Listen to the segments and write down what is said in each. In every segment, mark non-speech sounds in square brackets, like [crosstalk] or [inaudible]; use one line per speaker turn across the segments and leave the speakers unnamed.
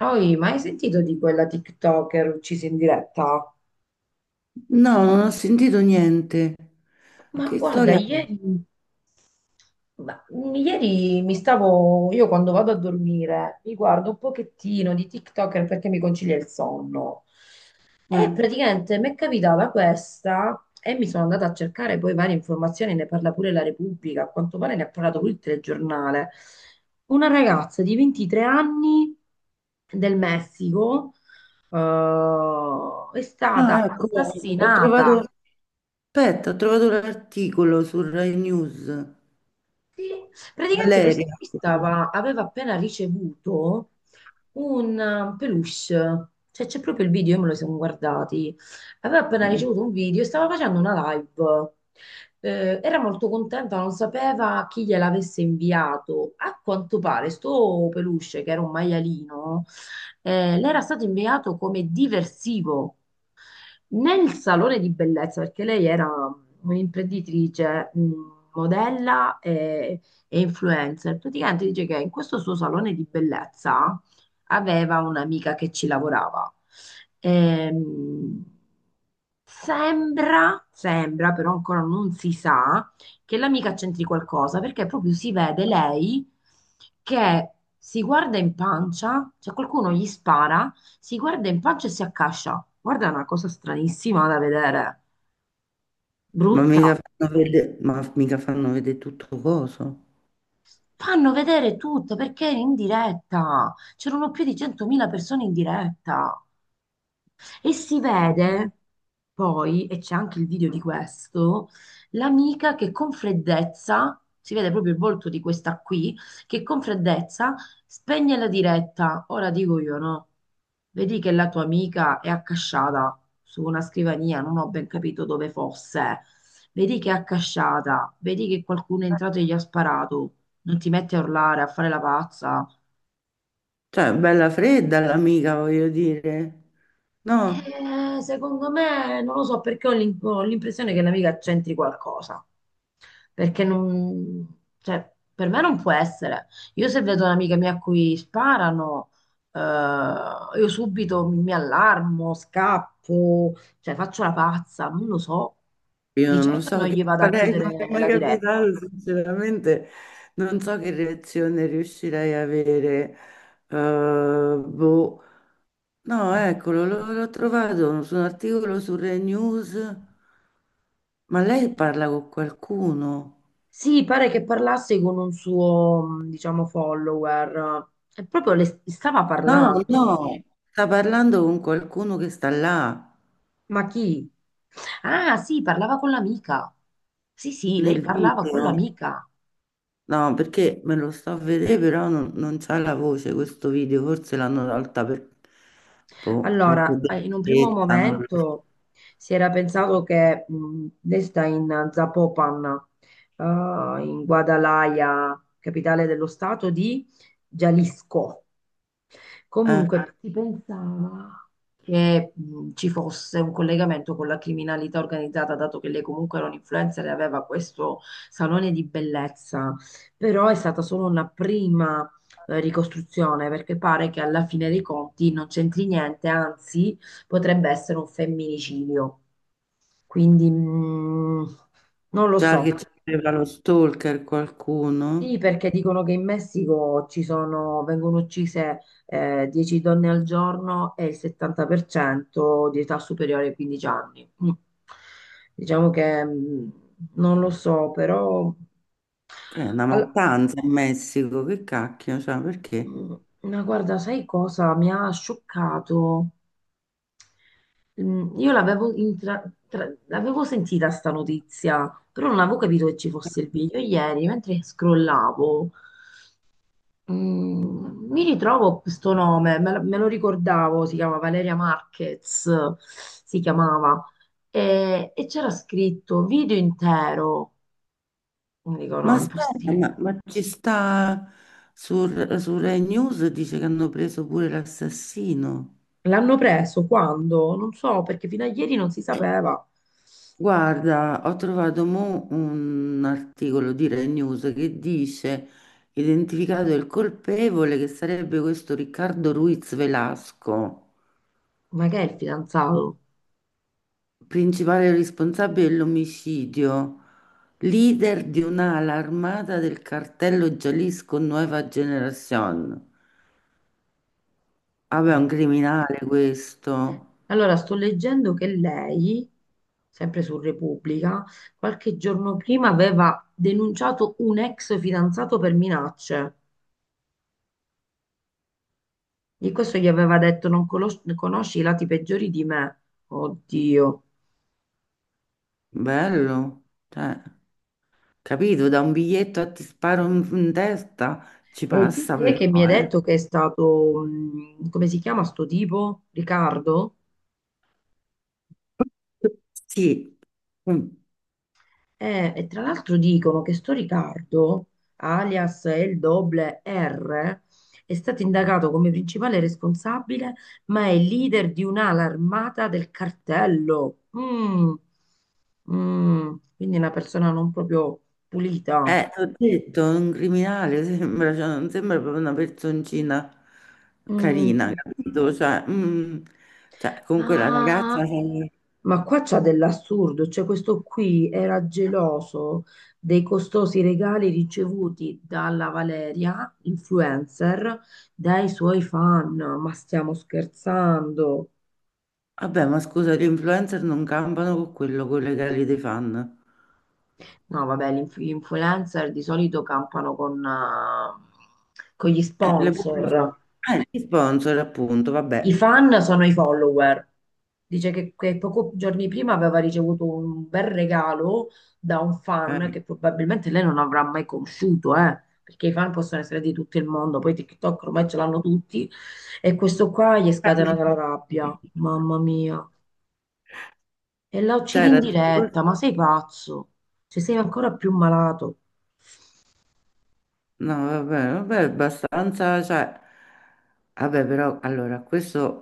Poi, ma hai sentito di quella TikToker uccisa in diretta?
No, non ho sentito niente.
Ma
Che
guarda,
storia.
ieri, io quando vado a dormire, mi guardo un pochettino di TikToker perché mi concilia il sonno.
Eh,
E
è?
praticamente mi è capitata questa e mi sono andata a cercare poi varie informazioni, ne parla pure la Repubblica, a quanto pare ne ha parlato pure il telegiornale. Una ragazza di 23 anni del Messico è stata
Ah, ecco, ho trovato,
assassinata.
aspetta, ho trovato l'articolo su Rai News.
Sì. Praticamente questa
Valeria.
qui aveva appena ricevuto un peluche, cioè c'è proprio il video, io me lo sono guardati. Aveva appena
Eh.
ricevuto un video, e stava facendo una live. Era molto contenta, non sapeva chi gliel'avesse inviato. A quanto pare, sto peluche, che era un maialino, le era stato inviato come diversivo. Nel salone di bellezza, perché lei era un'imprenditrice, modella e influencer, praticamente dice che in questo suo salone di bellezza aveva un'amica che ci lavorava. Ehm, sembra, però ancora non si sa, che l'amica c'entri qualcosa, perché proprio si vede lei che si guarda in pancia, cioè qualcuno gli spara, si guarda in pancia e si accascia. Guarda, è una cosa stranissima da vedere,
Ma
brutta.
mica fanno vedere, ma mica fanno vedere tutto coso.
Fanno vedere tutto perché è in diretta. C'erano più di 100.000 persone in diretta. E si vede poi, e c'è anche il video di questo, l'amica che con freddezza, si vede proprio il volto di questa qui, che con freddezza spegne la diretta. Ora dico io, no? Vedi che la tua amica è accasciata su una scrivania, non ho ben capito dove fosse. Vedi che è accasciata, vedi che qualcuno è entrato e gli ha sparato. Non ti metti a urlare, a fare la pazza.
Cioè, bella fredda l'amica, voglio dire. No,
Secondo me, non lo so perché ho l'impressione che l'amica c'entri qualcosa. Perché non, cioè, per me non può essere. Io se vedo un'amica mia a cui sparano, eh, io subito mi allarmo, scappo, cioè faccio la pazza, non lo so.
io
Di
non lo
certo non
so che
gli vado a
farei,
chiudere
non mi è mai
la diretta.
capitato, sinceramente. Non so che reazione riuscirei a avere. Boh. No, eccolo, l'ho trovato su un articolo su Rai News. Ma lei parla con qualcuno?
Sì, pare che parlasse con un suo, diciamo, follower. E proprio le stava
No,
parlando.
no, sta parlando con qualcuno che sta là
Ma chi? Ah, sì, parlava con l'amica. Sì, sì, lei
nel
parlava con
video.
l'amica.
No, perché me lo sto a vedere, però non c'ha la voce questo video, forse l'hanno tolta per, boh, perché
Allora, in un primo
delicatezza, non lo so.
momento si era pensato che lei sta in Zapopan, eh, in Guadalajara, capitale dello stato di Jalisco.
Eh,
Comunque si pensava che ci fosse un collegamento con la criminalità organizzata, dato che lei comunque era un influencer e aveva questo salone di bellezza, però è stata solo una prima ricostruzione, perché pare che alla fine dei conti non c'entri niente, anzi potrebbe essere un femminicidio. Quindi non lo
già
so.
che c'era lo stalker qualcuno,
Sì, perché dicono che in Messico ci sono, vengono uccise 10 donne al giorno e il 70% di età superiore ai 15 anni. Mm. Diciamo che non lo so, però.
che è una
all-
mattanza in Messico, che cacchio, cioè, perché?
mm, ma guarda, sai cosa mi ha scioccato? Io l'avevo sentita sta notizia, però non avevo capito che ci fosse il video ieri, mentre scrollavo. Mi ritrovo questo nome, me lo ricordavo, si chiama Valeria Marquez, si chiamava, e c'era scritto video intero. Mi dico
Ma
no, è
aspetta, ma,
impossibile.
ma ci sta su, su Rai News dice che hanno preso pure l'assassino.
L'hanno preso quando? Non so, perché fino a ieri non si
Eh,
sapeva,
Guarda, ho trovato mo un articolo di Rai News che dice identificato il colpevole che sarebbe questo Riccardo Ruiz Velasco,
ma che è il fidanzato?
principale responsabile dell'omicidio, leader di un'ala armata del cartello Jalisco Nueva Generación. Vabbè, è
Mm.
un criminale questo.
Allora, sto leggendo che lei, sempre su Repubblica, qualche giorno prima aveva denunciato un ex fidanzato per minacce. Di questo gli aveva detto, non conosci i lati peggiori di me. Oddio.
Bello, cioè, capito, da un biglietto a ti sparo in, in testa, ci
E tu
passa
chi è
però,
che mi hai
eh.
detto che è stato, come si chiama sto tipo? Riccardo?
Sì. Mm.
E tra l'altro dicono che sto Riccardo, alias El Doble R, è stato indagato come principale responsabile, ma è leader di un'ala armata del cartello. Quindi una persona non proprio pulita.
Eh, ti ho detto, un criminale sembra, cioè, non sembra proprio una personcina carina,
Mm.
capito? Cioè, mm, cioè, comunque la ragazza,
Ah,
cioè,
ma qua c'ha dell'assurdo, cioè questo qui era geloso dei costosi regali ricevuti dalla Valeria, influencer, dai suoi fan. Ma stiamo scherzando?
vabbè, ma scusa, gli influencer non campano con quello, con le gare dei fan.
No, vabbè, gli influencer di solito campano con gli
Le pubblicità,
sponsor.
gli sponsor appunto,
I
vabbè.
fan sono i follower. Dice che, poco giorni prima aveva ricevuto un bel regalo da un fan
Eh.
che probabilmente lei non avrà mai conosciuto, perché i fan possono essere di tutto il mondo, poi TikTok ormai ce l'hanno tutti, e questo qua gli è scatenata la rabbia, mamma mia. E la
Cioè,
uccidi in
era tipo-
diretta, ma sei pazzo? Cioè sei ancora più malato.
no, vabbè, vabbè, abbastanza, cioè, vabbè, però, allora, questo,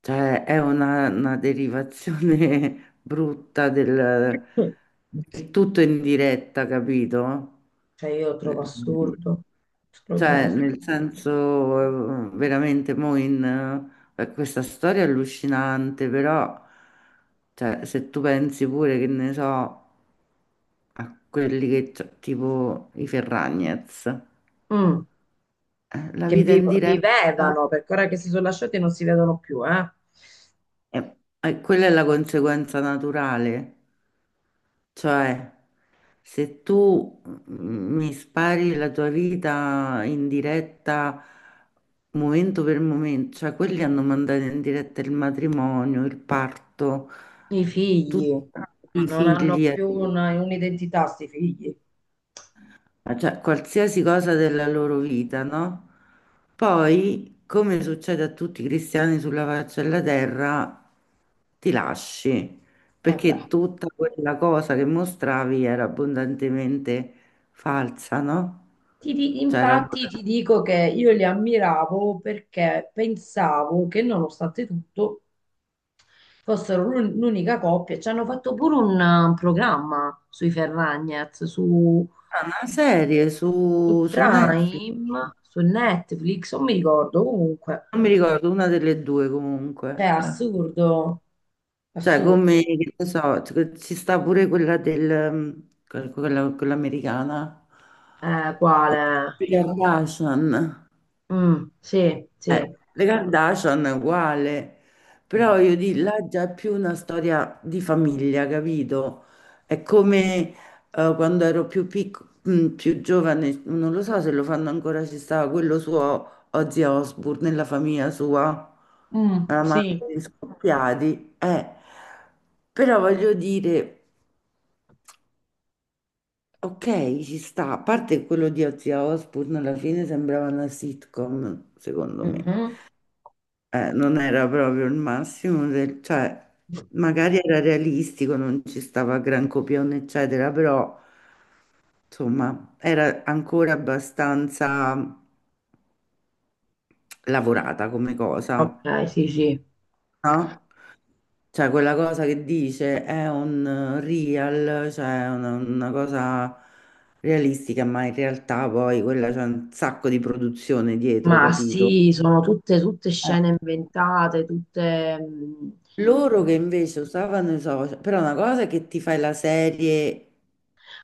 cioè, è una derivazione [laughs] brutta del,
[coughs]
del tutto in diretta, capito?
Cioè io lo trovo assurdo, lo trovo
Cioè, nel
assurdo.
senso, veramente, mo in... questa storia è allucinante, però, cioè, se tu pensi pure che ne so, a quelli che, c'ho- tipo i Ferragnez,
Mm,
la
che
vita
vi-
in diretta.
vivevano, perché ora che si sono lasciati non si vedono più, eh.
E quella è la conseguenza naturale, cioè se tu mi spari la tua vita in diretta momento per momento, cioè quelli hanno mandato in diretta il matrimonio, il parto,
I
tutti
figli
i
non hanno
figli. Eh.
più un'identità, sti figli.
Ah, cioè qualsiasi cosa della loro vita, no? Poi, come succede a tutti i cristiani sulla faccia della terra, ti lasci,
Eh beh.
perché tutta quella cosa che mostravi era abbondantemente falsa, no?
Ti di-
C'era
infatti ti dico che io li ammiravo perché pensavo che nonostante tutto fossero l'unica coppia. Ci hanno fatto pure un programma sui Ferragnez, su,
una serie
su
su, su Netflix,
Prime, su Netflix, non mi ricordo comunque.
non mi ricordo, una delle due
Cioè,
comunque. Eh.
assurdo,
Cioè, come,
assurdo.
che ne so, ci sta pure quella del, quella, quella- quella americana.
Quale?
Le Kardashian,
Mm, sì,
eh,
sì.
le Kardashian è uguale,
No.
però io di là già è più una storia di famiglia, capito? È come quando ero più piccola, più giovane, non lo so se lo fanno ancora, ci stava quello suo Ozzy Osbourne nella famiglia sua,
Mm,
la madre
sì.
di scoppiati, eh. Però voglio dire. Ok, ci sta. A parte quello di Ozzy Osbourne, alla fine sembrava una sitcom, secondo me.
Mhm.
Non era proprio il massimo del... cioè, magari era realistico, non ci stava gran copione, eccetera, però, insomma, era ancora abbastanza lavorata come cosa,
Ok, sì, sì.
no? Cioè, quella cosa che dice è un real, cioè una cosa realistica, ma in realtà poi quella c'è un sacco di produzione dietro,
Ma
capito?
sì, sono tutte,
Eh,
scene inventate, tutte.
Loro che invece usavano i social, però una cosa è che ti fai la serie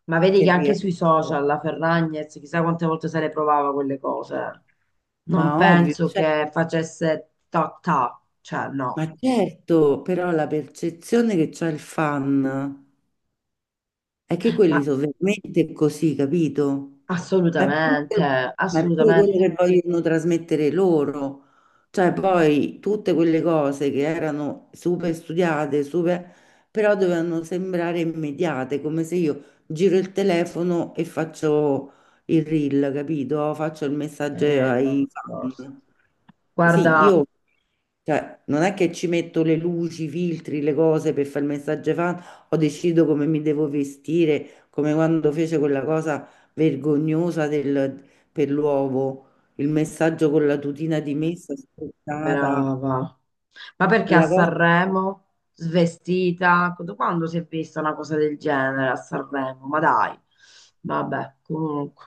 Ma vedi
che
che anche sui social
rialza,
la Ferragnez chissà quante volte se le provava quelle cose. Non
ma ovvio,
penso
cioè,
che facesse ta ta, cioè no.
ma certo, però la percezione che c'ha il fan. È che
Ma
quelli sono veramente così, capito? Ma è
assolutamente,
pure, ma è pure quello
assolutamente.
che vogliono trasmettere loro. Cioè, poi tutte quelle cose che erano super studiate, super, però dovevano sembrare immediate, come se io giro il telefono e faccio il reel, capito? Faccio il messaggio
No,
ai
no.
fan. Sì,
Guarda,
io. Cioè, non è che ci metto le luci, i filtri, le cose per fare il messaggio ai fan, o decido come mi devo vestire, come quando fece quella cosa vergognosa del- per l'uovo, il messaggio con la tutina di messa spostata,
brava. Ma perché a
quella cosa.
Sanremo, svestita? Da quando si è vista una cosa del genere a Sanremo? Ma dai, vabbè, comunque.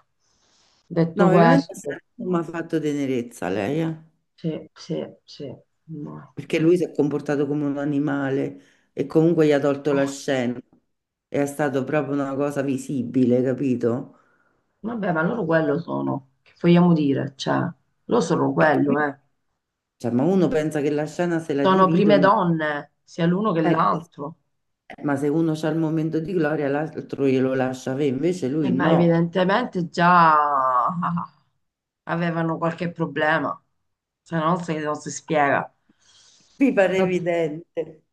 Detto
No, veramente
questo,
mi ha fatto tenerezza lei, eh.
sì, sì, sì. No.
Perché lui si è comportato come un animale e comunque gli ha tolto la scena. È stata proprio una cosa visibile, capito?
Vabbè, ma loro quello sono. Che vogliamo dire? Cioè, loro sono quello, eh.
Cioè, ma uno pensa che la scena se la
Sono prime
dividono,
donne, sia l'uno che
eh,
l'altro.
ma se uno c'ha il momento di gloria, l'altro glielo lascia avere, invece
E
lui
ma
no.
evidentemente già [laughs] avevano qualche problema, se no non si spiega.
Mi pare
Vabbè,
evidente.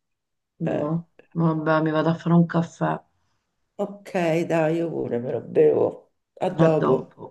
Eh,
vabbè, mi vado a fare un caffè.
ok, dai, io pure me lo bevo. A
A
dopo.
dopo.